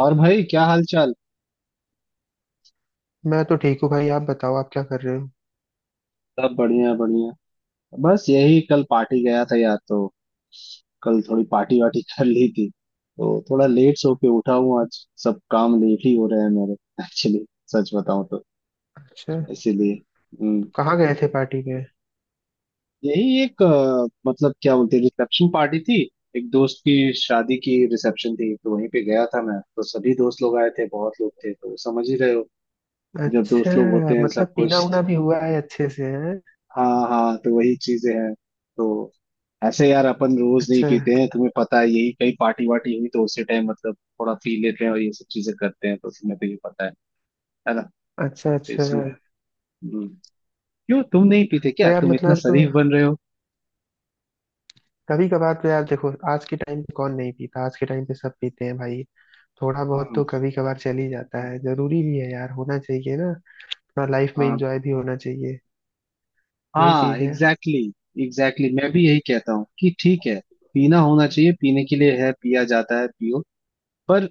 और भाई क्या हाल चाल। मैं तो ठीक हूँ भाई। आप बताओ आप क्या कर रहे हो। सब बढ़िया बढ़िया। बस यही कल पार्टी गया था यार तो कल थोड़ी पार्टी वार्टी कर ली थी तो थोड़ा लेट सो के उठा हूँ, आज सब काम लेट ही हो रहे हैं मेरे। एक्चुअली सच बताऊं तो अच्छा, इसीलिए। हम्म। तो कहाँ गए थे पार्टी में। यही एक मतलब क्या बोलते हैं, रिसेप्शन पार्टी थी, एक दोस्त की। शादी की रिसेप्शन थी तो वहीं पे गया था मैं। तो सभी दोस्त लोग आए थे, बहुत लोग थे तो समझ ही रहे हो, जब अच्छा दोस्त लोग होते हैं सब मतलब पीना कुछ। उना भी हुआ है अच्छे से है। हाँ हाँ, तो वही चीजें हैं तो। ऐसे यार अपन रोज नहीं अच्छा पीते हैं, तुम्हें पता है। यही कहीं पार्टी वार्टी हुई तो उसी टाइम मतलब थोड़ा पी लेते हैं और ये सब चीजें करते हैं, तो तुम्हें तो ये पता है ना। तो अच्छा। अच्छा इसमें। हम्म, क्यों तुम नहीं पीते तो क्या? यार तुम इतना मतलब शरीफ बन रहे हो? कभी कभार तो यार देखो, आज के टाइम पे कौन नहीं पीता। आज के टाइम पे सब पीते हैं भाई। थोड़ा बहुत हम्म। तो कभी कभार चल ही जाता है, जरूरी भी है यार, होना चाहिए ना। थोड़ा लाइफ में हाँ। एंजॉय भी होना चाहिए। वही हाँ चीज है। एग्जैक्टली। एग्जैक्टली, मैं भी यही कहता हूँ कि ठीक है, पीना होना चाहिए, पीने के लिए है, पिया जाता है, पियो। पर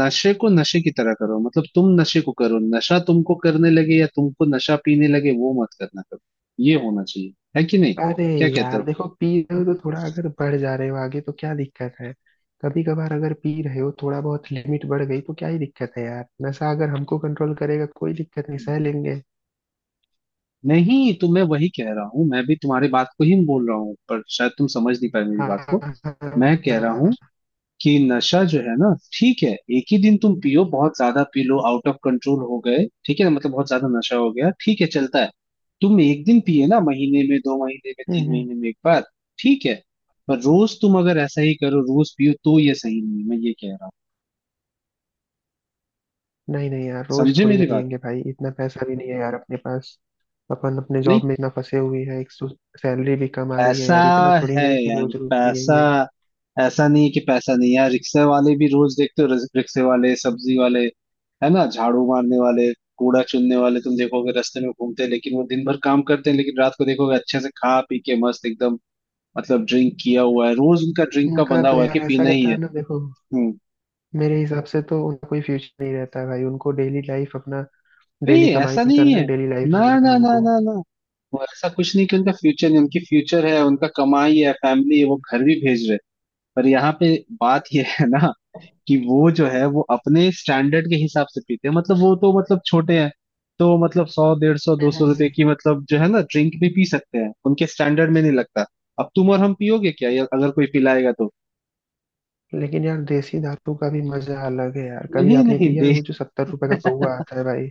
नशे को नशे की तरह करो, मतलब तुम नशे को करो, नशा तुमको करने लगे या तुमको नशा पीने लगे वो मत करना, करो। ये होना चाहिए है कि नहीं, अरे क्या कहते यार हो? देखो, पी रहे हो तो थोड़ा अगर बढ़ जा रहे हो आगे तो क्या दिक्कत है। कभी कभार अगर पी रहे हो, थोड़ा बहुत लिमिट बढ़ गई तो क्या ही दिक्कत है यार। नशा अगर हमको कंट्रोल करेगा कोई दिक्कत नहीं, सह लेंगे। नहीं तो मैं वही कह रहा हूँ, मैं भी तुम्हारी बात को ही बोल रहा हूँ, पर शायद तुम समझ नहीं पाए मेरी हाँ। बात को। हाँ मैं कह रहा हूँ हाँ। कि नशा जो है ना, ठीक है, एक ही दिन तुम पियो, बहुत ज्यादा पी लो, आउट ऑफ कंट्रोल हो गए, ठीक है ना, मतलब बहुत ज्यादा नशा हो गया, ठीक है, चलता है। तुम एक दिन पिए ना, महीने में, दो महीने में, हम्म। तीन हम्म। महीने में एक बार, ठीक है। पर रोज तुम अगर ऐसा ही करो, रोज पियो तो ये सही नहीं, मैं ये कह रहा हूँ, नहीं नहीं यार, रोज समझे थोड़ी ना मेरी बात। पियेंगे भाई, इतना पैसा भी नहीं है यार अपने पास। अपन अपने नहीं जॉब में इतना फंसे हुए हैं एक तो। सैलरी भी कम आ रही है पैसा यार, इतना थोड़ी है ना है कि यार, रोज रोज पैसा। पियेंगे। ऐसा नहीं है कि पैसा नहीं है यार। रिक्शे वाले भी रोज देखते हो, रिक्शे वाले, सब्जी वाले, है ना, झाड़ू मारने वाले, कूड़ा चुनने वाले, तुम देखोगे रास्ते में घूमते हैं, लेकिन वो दिन भर काम करते हैं, लेकिन रात को देखोगे अच्छे से खा पी के मस्त एकदम। मतलब ड्रिंक किया हुआ है, रोज उनका ड्रिंक का उनका बंधा तो हुआ है कि यार ऐसा पीना ही रहता है। है ना देखो। हम्म। मेरे हिसाब से तो उनका कोई फ्यूचर नहीं रहता है भाई। उनको डेली लाइफ अपना नहीं, डेली कमाई ऐसा नहीं करना है। है, डेली लाइफ ना जीना है ना ना उनको। ना ना, वो ऐसा कुछ नहीं कि उनका फ्यूचर नहीं, उनकी फ्यूचर है, उनका कमाई है, फैमिली है, वो घर भी भेज रहे हैं। पर यहाँ पे बात ये है ना, कि वो जो है वो अपने स्टैंडर्ड के हिसाब से पीते हैं, मतलब वो तो मतलब छोटे हैं, तो मतलब सौ डेढ़ सौ दो हम्म, सौ रुपए हम्म। की मतलब जो है ना ड्रिंक भी पी सकते हैं, उनके स्टैंडर्ड में नहीं लगता। अब तुम और हम पियोगे क्या, या अगर कोई पिलाएगा तो। लेकिन यार देसी दारू का भी मजा अलग है यार। कभी नहीं आपने नहीं पिया है दे वो जो सत्तर रुपए का पौवा आता है भाई।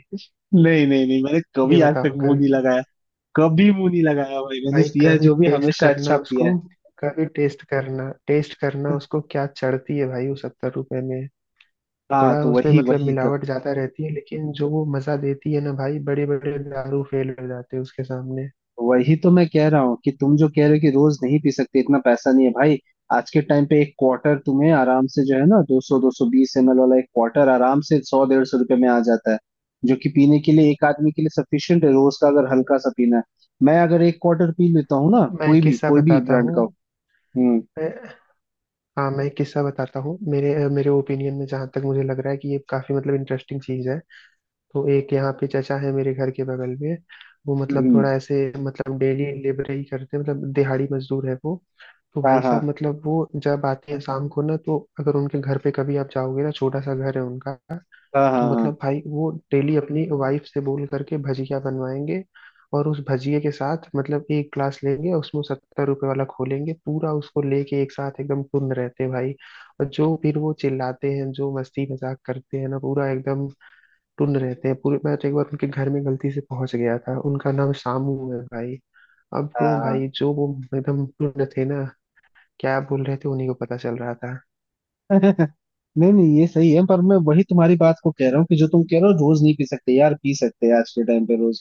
नहीं नहीं नहीं, मैंने ये कभी आज तक बताओ कभी। मुंह नहीं लगाया। कभी मुंह नहीं लगाया भाई, मैंने भाई पिया कभी जो भी टेस्ट हमेशा करना अच्छा उसको। पिया। कभी टेस्ट करना, टेस्ट करना है। उसको, क्या चढ़ती है भाई वो सत्तर रुपए में। हाँ थोड़ा तो उसमें वही मतलब वही तो। मिलावट ज्यादा रहती है लेकिन जो वो मजा देती है ना भाई, बड़े बड़े दारू फेल हो जाते हैं उसके सामने। वही तो मैं कह रहा हूँ कि तुम जो कह रहे हो कि रोज नहीं पी सकते, इतना पैसा नहीं है भाई, आज के टाइम पे एक क्वार्टर तुम्हें आराम से जो है ना, 200 220 ml वाला एक क्वार्टर आराम से 100, 150 रुपए में आ जाता है, जो कि पीने के लिए एक आदमी के लिए सफिशियंट है रोज का, अगर हल्का सा पीना है। मैं अगर एक क्वार्टर पी लेता हूँ ना, मैं एक कोई भी किस्सा बताता ब्रांड का हो। हम्म। हूँ। हाँ मैं एक किस्सा बताता हूँ, मेरे मेरे ओपिनियन में, जहाँ तक मुझे लग रहा है कि ये काफी मतलब इंटरेस्टिंग चीज है। तो एक यहाँ पे चचा है मेरे घर के बगल में। वो हम्म मतलब हम्म। थोड़ा ऐसे मतलब डेली लेबर ही करते हैं, मतलब दिहाड़ी मजदूर है वो। तो हाँ भाई साहब हाँ मतलब वो जब आते हैं शाम को ना, तो अगर उनके घर पे कभी आप जाओगे ना, छोटा सा घर है उनका। हाँ तो हाँ मतलब भाई वो डेली अपनी वाइफ से बोल करके भजिया बनवाएंगे, और उस भजिए के साथ मतलब एक ग्लास लेंगे और उसमें सत्तर रुपए वाला खोलेंगे पूरा उसको लेके। एक साथ एकदम टुन रहते हैं भाई, और जो फिर वो चिल्लाते हैं जो मस्ती मजाक करते हैं ना, पूरा एकदम टुन रहते हैं पूरे। मैं तो एक बार उनके घर में गलती से पहुंच गया था, उनका नाम शामू है भाई। अब वो हाँ भाई जो वो एकदम टुन थे ना, क्या बोल रहे थे उन्हीं को पता चल रहा था। हाँ हाँ। नहीं नहीं ये सही है, पर मैं वही तुम्हारी बात को कह रहा हूँ कि जो तुम कह रहे हो रोज नहीं पी सकते यार, पी सकते हैं आज के टाइम पे रोज।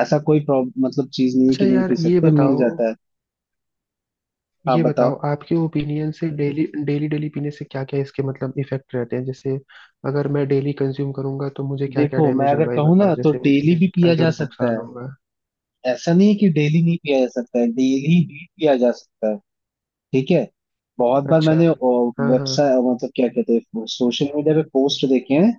ऐसा कोई प्रॉब्लम मतलब चीज नहीं है अच्छा कि नहीं यार पी ये सकते, मिल बताओ। जाता है। आप ये बताओ। बताओ आपके ओपिनियन से डेली डेली डेली पीने से क्या क्या इसके मतलब इफेक्ट रहते हैं। जैसे अगर मैं डेली कंज्यूम करूंगा तो मुझे क्या क्या देखो, मैं डैमेज अगर होगा ये कहूँ बताओ, ना तो जैसे डेली मुझे भी क्या पिया क्या जा सकता नुकसान है, होगा। ऐसा नहीं है कि डेली नहीं पिया जा सकता है, डेली भी पिया जा सकता है, ठीक है। बहुत बार अच्छा। मैंने हाँ हाँ वेबसाइट मतलब क्या कहते हैं सोशल मीडिया पे पोस्ट देखे हैं।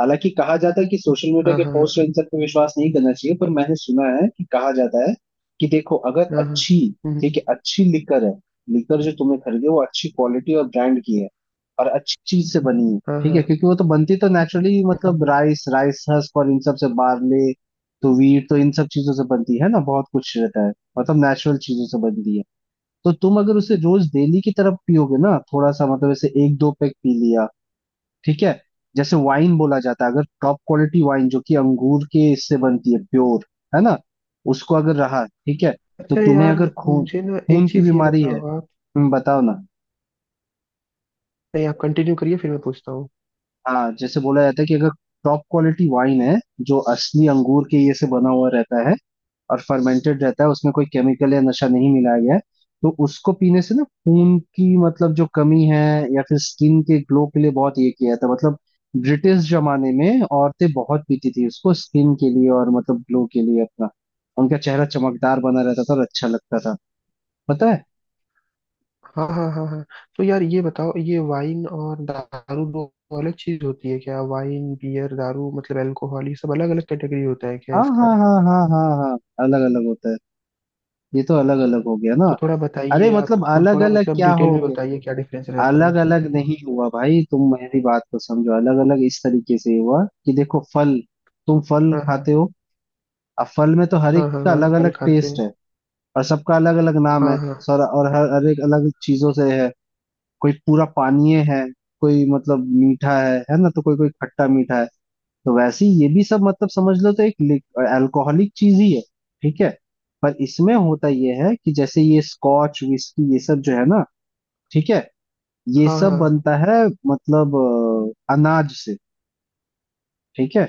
हालांकि कहा जाता है कि सोशल मीडिया हाँ के पोस्ट हाँ इन सब पे विश्वास नहीं करना चाहिए, पर मैंने सुना है कि कहा जाता है कि देखो, अगर हाँ हाँ। अच्छी, हम्म, हम्म। ठीक है अच्छी लिकर है, लिकर जो तुमने खरीदे वो अच्छी क्वालिटी और ब्रांड की है, और अच्छी चीज से बनी है, हाँ ठीक हाँ। है, क्योंकि वो तो बनती तो नेचुरली हम्म। मतलब हम्म। राइस, राइस हस्क और इन सब से, बार्ले तो वीट तो इन सब चीजों से बनती है ना, बहुत कुछ रहता है, मतलब नेचुरल चीजों से बनती है। तो तुम अगर उसे रोज डेली की तरफ पियोगे ना थोड़ा सा, मतलब ऐसे एक दो पैक पी लिया, ठीक है, जैसे वाइन बोला जाता है, अगर टॉप क्वालिटी वाइन जो कि अंगूर के इससे बनती है प्योर, है ना, उसको अगर रहा, ठीक है तो अच्छा तुम्हें यार अगर खून, मुझे ना खून एक की चीज ये बीमारी है। बताओ आप। तुम बताओ ना। नहीं आप कंटिन्यू करिए फिर मैं पूछता हूँ। हाँ, जैसे बोला जाता है कि अगर टॉप क्वालिटी वाइन है, जो असली अंगूर के ये से बना हुआ रहता है और फर्मेंटेड रहता है, उसमें कोई केमिकल या नशा नहीं मिलाया गया है, तो उसको पीने से ना खून की मतलब जो कमी है, या फिर स्किन के ग्लो के लिए बहुत ये किया था, मतलब ब्रिटिश जमाने में औरतें बहुत पीती थी उसको स्किन के लिए और मतलब ग्लो के लिए अपना, उनका चेहरा चमकदार बना रहता था और अच्छा लगता था, पता है। हाँ हाँ हाँ हाँ। तो यार ये बताओ, ये वाइन और दारू दो अलग चीज होती है क्या। वाइन, बियर, दारू मतलब अल्कोहल, ये सब अलग अलग कैटेगरी होता है क्या हाँ हाँ इसका। हाँ हाँ हाँ हाँ, अलग अलग होता है, ये तो अलग अलग हो गया ना। तो थोड़ा अरे बताइए आप, मतलब तो अलग थोड़ा अलग मतलब क्या हो, डिटेल में बताइए क्या डिफरेंस रहता है। अलग अलग नहीं हुआ भाई, तुम मेरी बात को समझो, अलग अलग इस तरीके से हुआ कि देखो, फल, तुम फल हाँ हाँ खाते हो, अब फल में तो हर एक हाँ हाँ का अलग हाँ। अलग फल खाते टेस्ट हैं। है, और सबका अलग अलग नाम है हाँ हाँ सर, और हर हर एक अलग चीजों से है, कोई पूरा पानीय है, कोई मतलब मीठा है ना, तो कोई कोई खट्टा मीठा है, तो वैसे ही ये भी सब मतलब समझ लो तो एक अल्कोहलिक चीज ही है, ठीक है। पर इसमें होता यह है कि जैसे ये स्कॉच विस्की ये सब जो है ना, ठीक है, ये हाँ सब हाँ। बनता है मतलब अनाज से, ठीक है,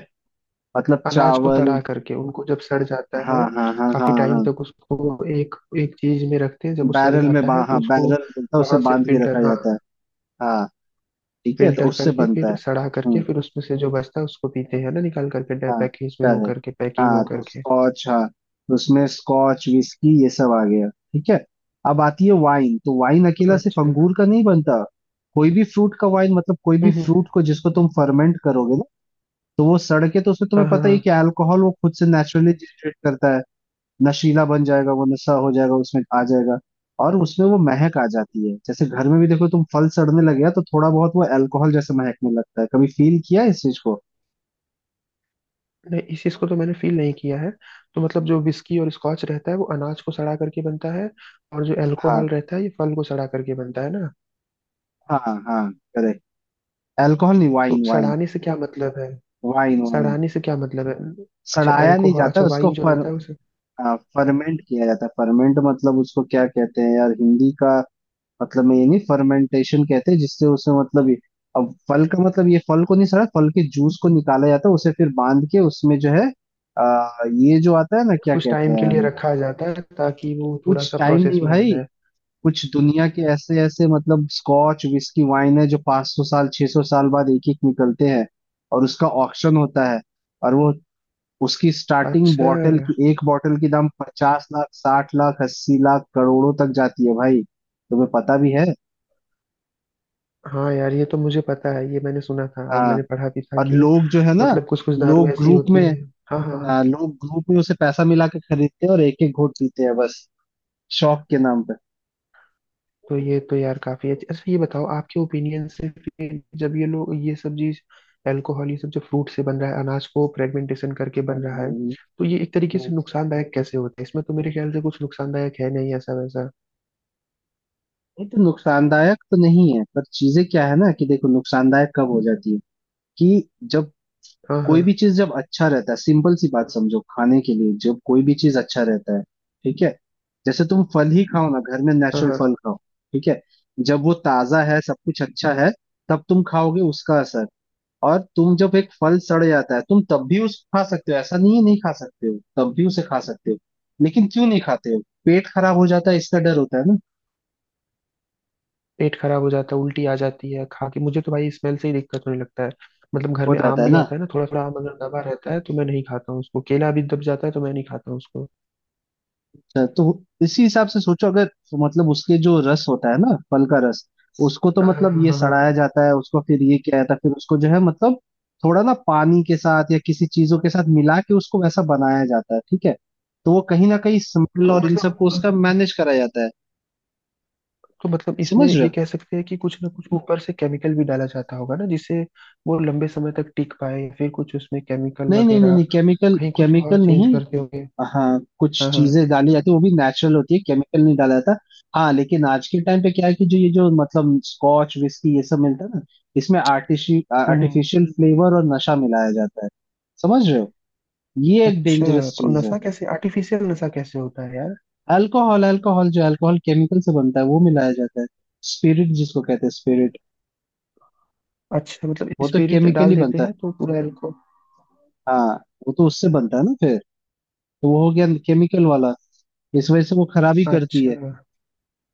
मतलब अनाज को चावल। सड़ा करके उनको जब सड़ जाता हाँ है, हाँ हाँ हाँ काफी टाइम हाँ। तक उसको एक एक चीज में रखते हैं, जब वो सड़ जाता है हाँ तो उसको बैरल बनता है, उसे वहां से बांध के फिल्टर। रखा हाँ जाता है। हाँ, ठीक है, तो फिल्टर उससे करके बनता फिर है। सड़ा करके हम्म। फिर उसमें से जो बचता है उसको पीते हैं ना, निकाल करके, हाँ पैकेज में हो correct। करके, पैकिंग हाँ हो तो करके। स्कॉच, हाँ तो उसमें स्कॉच विस्की ये सब आ गया, ठीक है। अब आती है वाइन, तो वाइन अकेला सिर्फ अच्छा। हम्म। अंगूर का नहीं बनता, कोई भी फ्रूट का वाइन मतलब कोई भी हम्म। फ्रूट को जिसको तुम फर्मेंट करोगे, तो वो सड़के, तो उसमें हाँ तुम्हें हाँ पता ही हाँ। है कि अल्कोहल वो खुद से नेचुरली जनरेट करता है, नशीला बन जाएगा, वो नशा हो जाएगा, उसमें आ जाएगा, और उसमें वो महक आ जाती है। जैसे घर में भी देखो तुम, फल सड़ने लगे हैं तो थोड़ा बहुत वो अल्कोहल जैसे महकने लगता है, कभी फील किया है इस चीज को। नहीं इस चीज को तो मैंने फील नहीं किया है। तो मतलब जो विस्की और स्कॉच रहता है वो अनाज को सड़ा करके बनता है, और जो अल्कोहल हाँ रहता है ये फल को सड़ा करके बनता है ना। हाँ हाँ, करेक्ट। अल्कोहल नहीं, तो वाइन वाइन, सड़ाने से क्या मतलब है। Wine wine. सड़ाने से क्या मतलब है। अच्छा सड़ाया नहीं अल्कोहल, जाता अच्छा उसको वाइन जो रहता है उसे फर्मेंट किया जाता है। फर्मेंट मतलब उसको क्या कहते हैं यार हिंदी का, मतलब मैं ये नहीं, फर्मेंटेशन कहते हैं जिससे उसे मतलब ये, अब फल का मतलब ये फल को नहीं सड़ा, फल के जूस को निकाला जाता है उसे, फिर बांध के उसमें जो है, ये जो आता है ना क्या कुछ कहते टाइम के हैं। लिए रखा जाता है ताकि वो थोड़ा कुछ सा टाइम नहीं प्रोसेस में आ भाई, जाए। कुछ दुनिया के ऐसे ऐसे मतलब स्कॉच विस्की वाइन है जो 500 साल 600 साल बाद एक एक निकलते हैं, और उसका ऑक्शन होता है, और वो उसकी स्टार्टिंग अच्छा। बॉटल की, एक बॉटल की दाम 50 लाख, 60 लाख, 80 लाख, करोड़ों तक जाती है भाई, तुम्हें पता भी है। हाँ यार ये तो मुझे पता है, ये मैंने सुना था और हाँ, मैंने पढ़ा भी था और कि लोग जो है ना, मतलब कुछ कुछ दारू लोग ऐसी ग्रुप में, होती है। हाँ हाँ हाँ। हाँ, लोग ग्रुप में उसे पैसा मिला के खरीदते हैं और एक एक घोट पीते हैं बस, शौक के नाम पे। तो ये तो यार काफी अच्छी, अच्छा ये बताओ आपके ओपिनियन से, फिर जब ये लोग ये सब चीज, अल्कोहल ये सब जो फ्रूट से बन रहा है, अनाज को फ्रेगमेंटेशन करके हम्म। बन रहा है, हम्म। तो ये एक तरीके हम्म। से नुकसानदायक कैसे होता है। इसमें तो मेरे ख्याल से कुछ नुकसानदायक है नहीं ऐसा वैसा। ये तो नुकसानदायक तो नहीं है, पर चीजें क्या है ना कि देखो नुकसानदायक कब हो जाती है कि, जब, हाँ हाँ कोई भी चीज जब अच्छा रहता है, सिंपल सी बात समझो, खाने के लिए जब कोई भी चीज अच्छा रहता है, ठीक है, जैसे तुम फल ही खाओ ना, घर में हाँ नेचुरल हाँ। फल खाओ, ठीक है, जब वो ताजा है, सब कुछ अच्छा है, तब तुम खाओगे उसका असर। और तुम जब एक फल सड़ जाता है, तुम तब भी उस खा सकते हो, ऐसा नहीं है नहीं खा सकते हो, तब भी उसे खा सकते हो, लेकिन क्यों नहीं खाते हो, पेट खराब हो जाता है, इसका डर होता है ना, पेट खराब हो जाता है, उल्टी आ जाती है खा के, मुझे तो भाई स्मेल से ही दिक्कत होने लगता है। मतलब घर हो में जाता आम है भी ना। आता है ना, थोड़ा थोड़ा आम अगर दबा रहता है तो मैं नहीं खाता हूँ उसको, केला भी दब जाता है तो मैं नहीं खाता हूँ उसको। अच्छा, तो इसी हिसाब से सोचो अगर, तो मतलब उसके जो रस होता है ना फल का रस, उसको तो हाँ हाँ मतलब हाँ ये हाँ हाँ। सड़ाया हाँ। जाता है, उसको फिर ये किया जाता है, फिर उसको जो है मतलब थोड़ा ना पानी के साथ या किसी चीजों के साथ मिला के उसको वैसा बनाया जाता है, ठीक है, तो वो कहीं ना कहीं सिंपल तो और इन सबको उसका मतलब मैनेज कराया जाता है, तो मतलब इसमें समझ रहे ये हो। कह सकते हैं कि कुछ ना कुछ ऊपर से केमिकल भी डाला जाता होगा ना, जिससे वो लंबे समय तक टिक पाए, फिर कुछ उसमें केमिकल नहीं नहीं नहीं वगैरह नहीं, केमिकल कहीं कुछ और केमिकल चेंज नहीं। करते होंगे। हाँ, कुछ हाँ हाँ। चीजें डाली जाती है वो भी नेचुरल होती है, केमिकल नहीं डाला जाता। हाँ, लेकिन आज के टाइम पे क्या है कि जो ये जो मतलब स्कॉच विस्की ये सब मिलता है ना, इसमें हम्म। आर्टिफिशियल फ्लेवर और नशा मिलाया जाता है, समझ रहे हो, ये एक अच्छा डेंजरस तो चीज नशा है। कैसे, आर्टिफिशियल नशा कैसे होता है यार। अल्कोहल, अल्कोहल जो अल्कोहल केमिकल से बनता है वो मिलाया जाता है, स्पिरिट जिसको कहते हैं स्पिरिट। अच्छा मतलब वो तो स्पिरिट केमिकल डाल ही देते बनता है, हैं तो पूरा इनको। हाँ, वो तो उससे बनता है ना फिर, तो वो हो गया केमिकल वाला, इस वजह से वो खराबी करती है, अच्छा।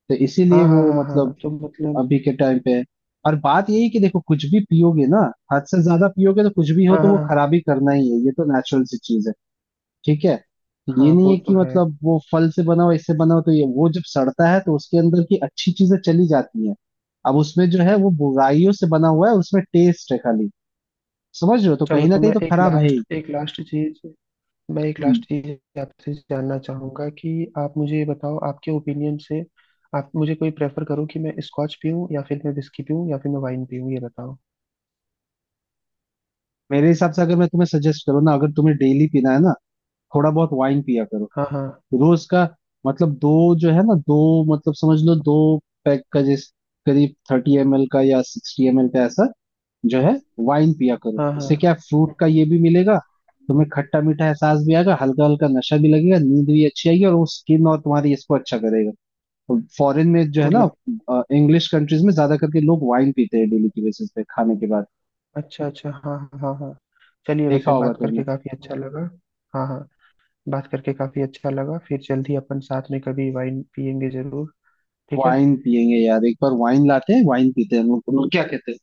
तो इसीलिए हाँ हाँ वो हाँ मतलब हाँ तो मतलब। अभी के टाइम पे है। और बात यही है कि देखो, कुछ भी पियोगे ना, हद से ज्यादा पियोगे तो कुछ भी हो, हाँ तो हाँ वो हाँ। खराब ही करना ही है, ये तो नेचुरल सी चीज है, ठीक है। ये हाँ, नहीं वो है तो कि है। मतलब वो फल से बना हो इससे बना हो तो, ये वो जब सड़ता है तो उसके अंदर की अच्छी चीजें चली जाती हैं, अब उसमें जो है वो बुराइयों से बना हुआ है, उसमें टेस्ट है खाली, समझ रहे हो, तो चलो कहीं ना तो मैं कहीं तो खराब है ही। एक हम्म। लास्ट चीज आपसे जानना चाहूंगा कि आप मुझे ये बताओ आपके ओपिनियन से। आप मुझे कोई प्रेफर करो कि मैं स्कॉच पीऊँ या फिर मैं विस्की पीऊँ या फिर मैं वाइन पीऊँ ये बताओ। मेरे हिसाब से अगर मैं तुम्हें सजेस्ट करूँ ना, अगर तुम्हें डेली पीना है ना, थोड़ा बहुत वाइन पिया करो, हाँ हाँ रोज का, मतलब दो जो है ना, दो मतलब समझ लो, दो पैक का, जिस करीब 30 ml का या 60 ml का, ऐसा जो है वाइन पिया करो, हाँ हाँ। इससे क्या फ्रूट का हम्म। ये भी मिलेगा, तुम्हें खट्टा मीठा एहसास भी आएगा, हल्का हल्का नशा भी लगेगा, नींद भी अच्छी आएगी, और वो स्किन और तुम्हारी इसको अच्छा करेगा। फॉरेन में जो तो है ना, मतलब। इंग्लिश कंट्रीज में ज्यादा करके लोग वाइन पीते हैं डेली की बेसिस पे खाने के बाद, अच्छा अच्छा हाँ हाँ हाँ हाँ। चलिए देखा वैसे होगा बात तुमने। करके काफी अच्छा लगा। हाँ हाँ। बात करके काफी अच्छा लगा, फिर जल्दी अपन साथ में कभी वाइन पियेंगे जरूर। ठीक है। वाइन पियेंगे यार, एक बार वाइन लाते हैं, वाइन पीते हैं हम लोग, तुम लोग क्या कहते हैं।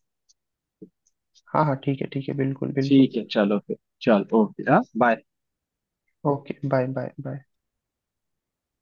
हाँ हाँ ठीक है बिल्कुल बिल्कुल। ठीक है, चलो फिर, चलो ओके, हाँ, bye. Okay bye bye bye.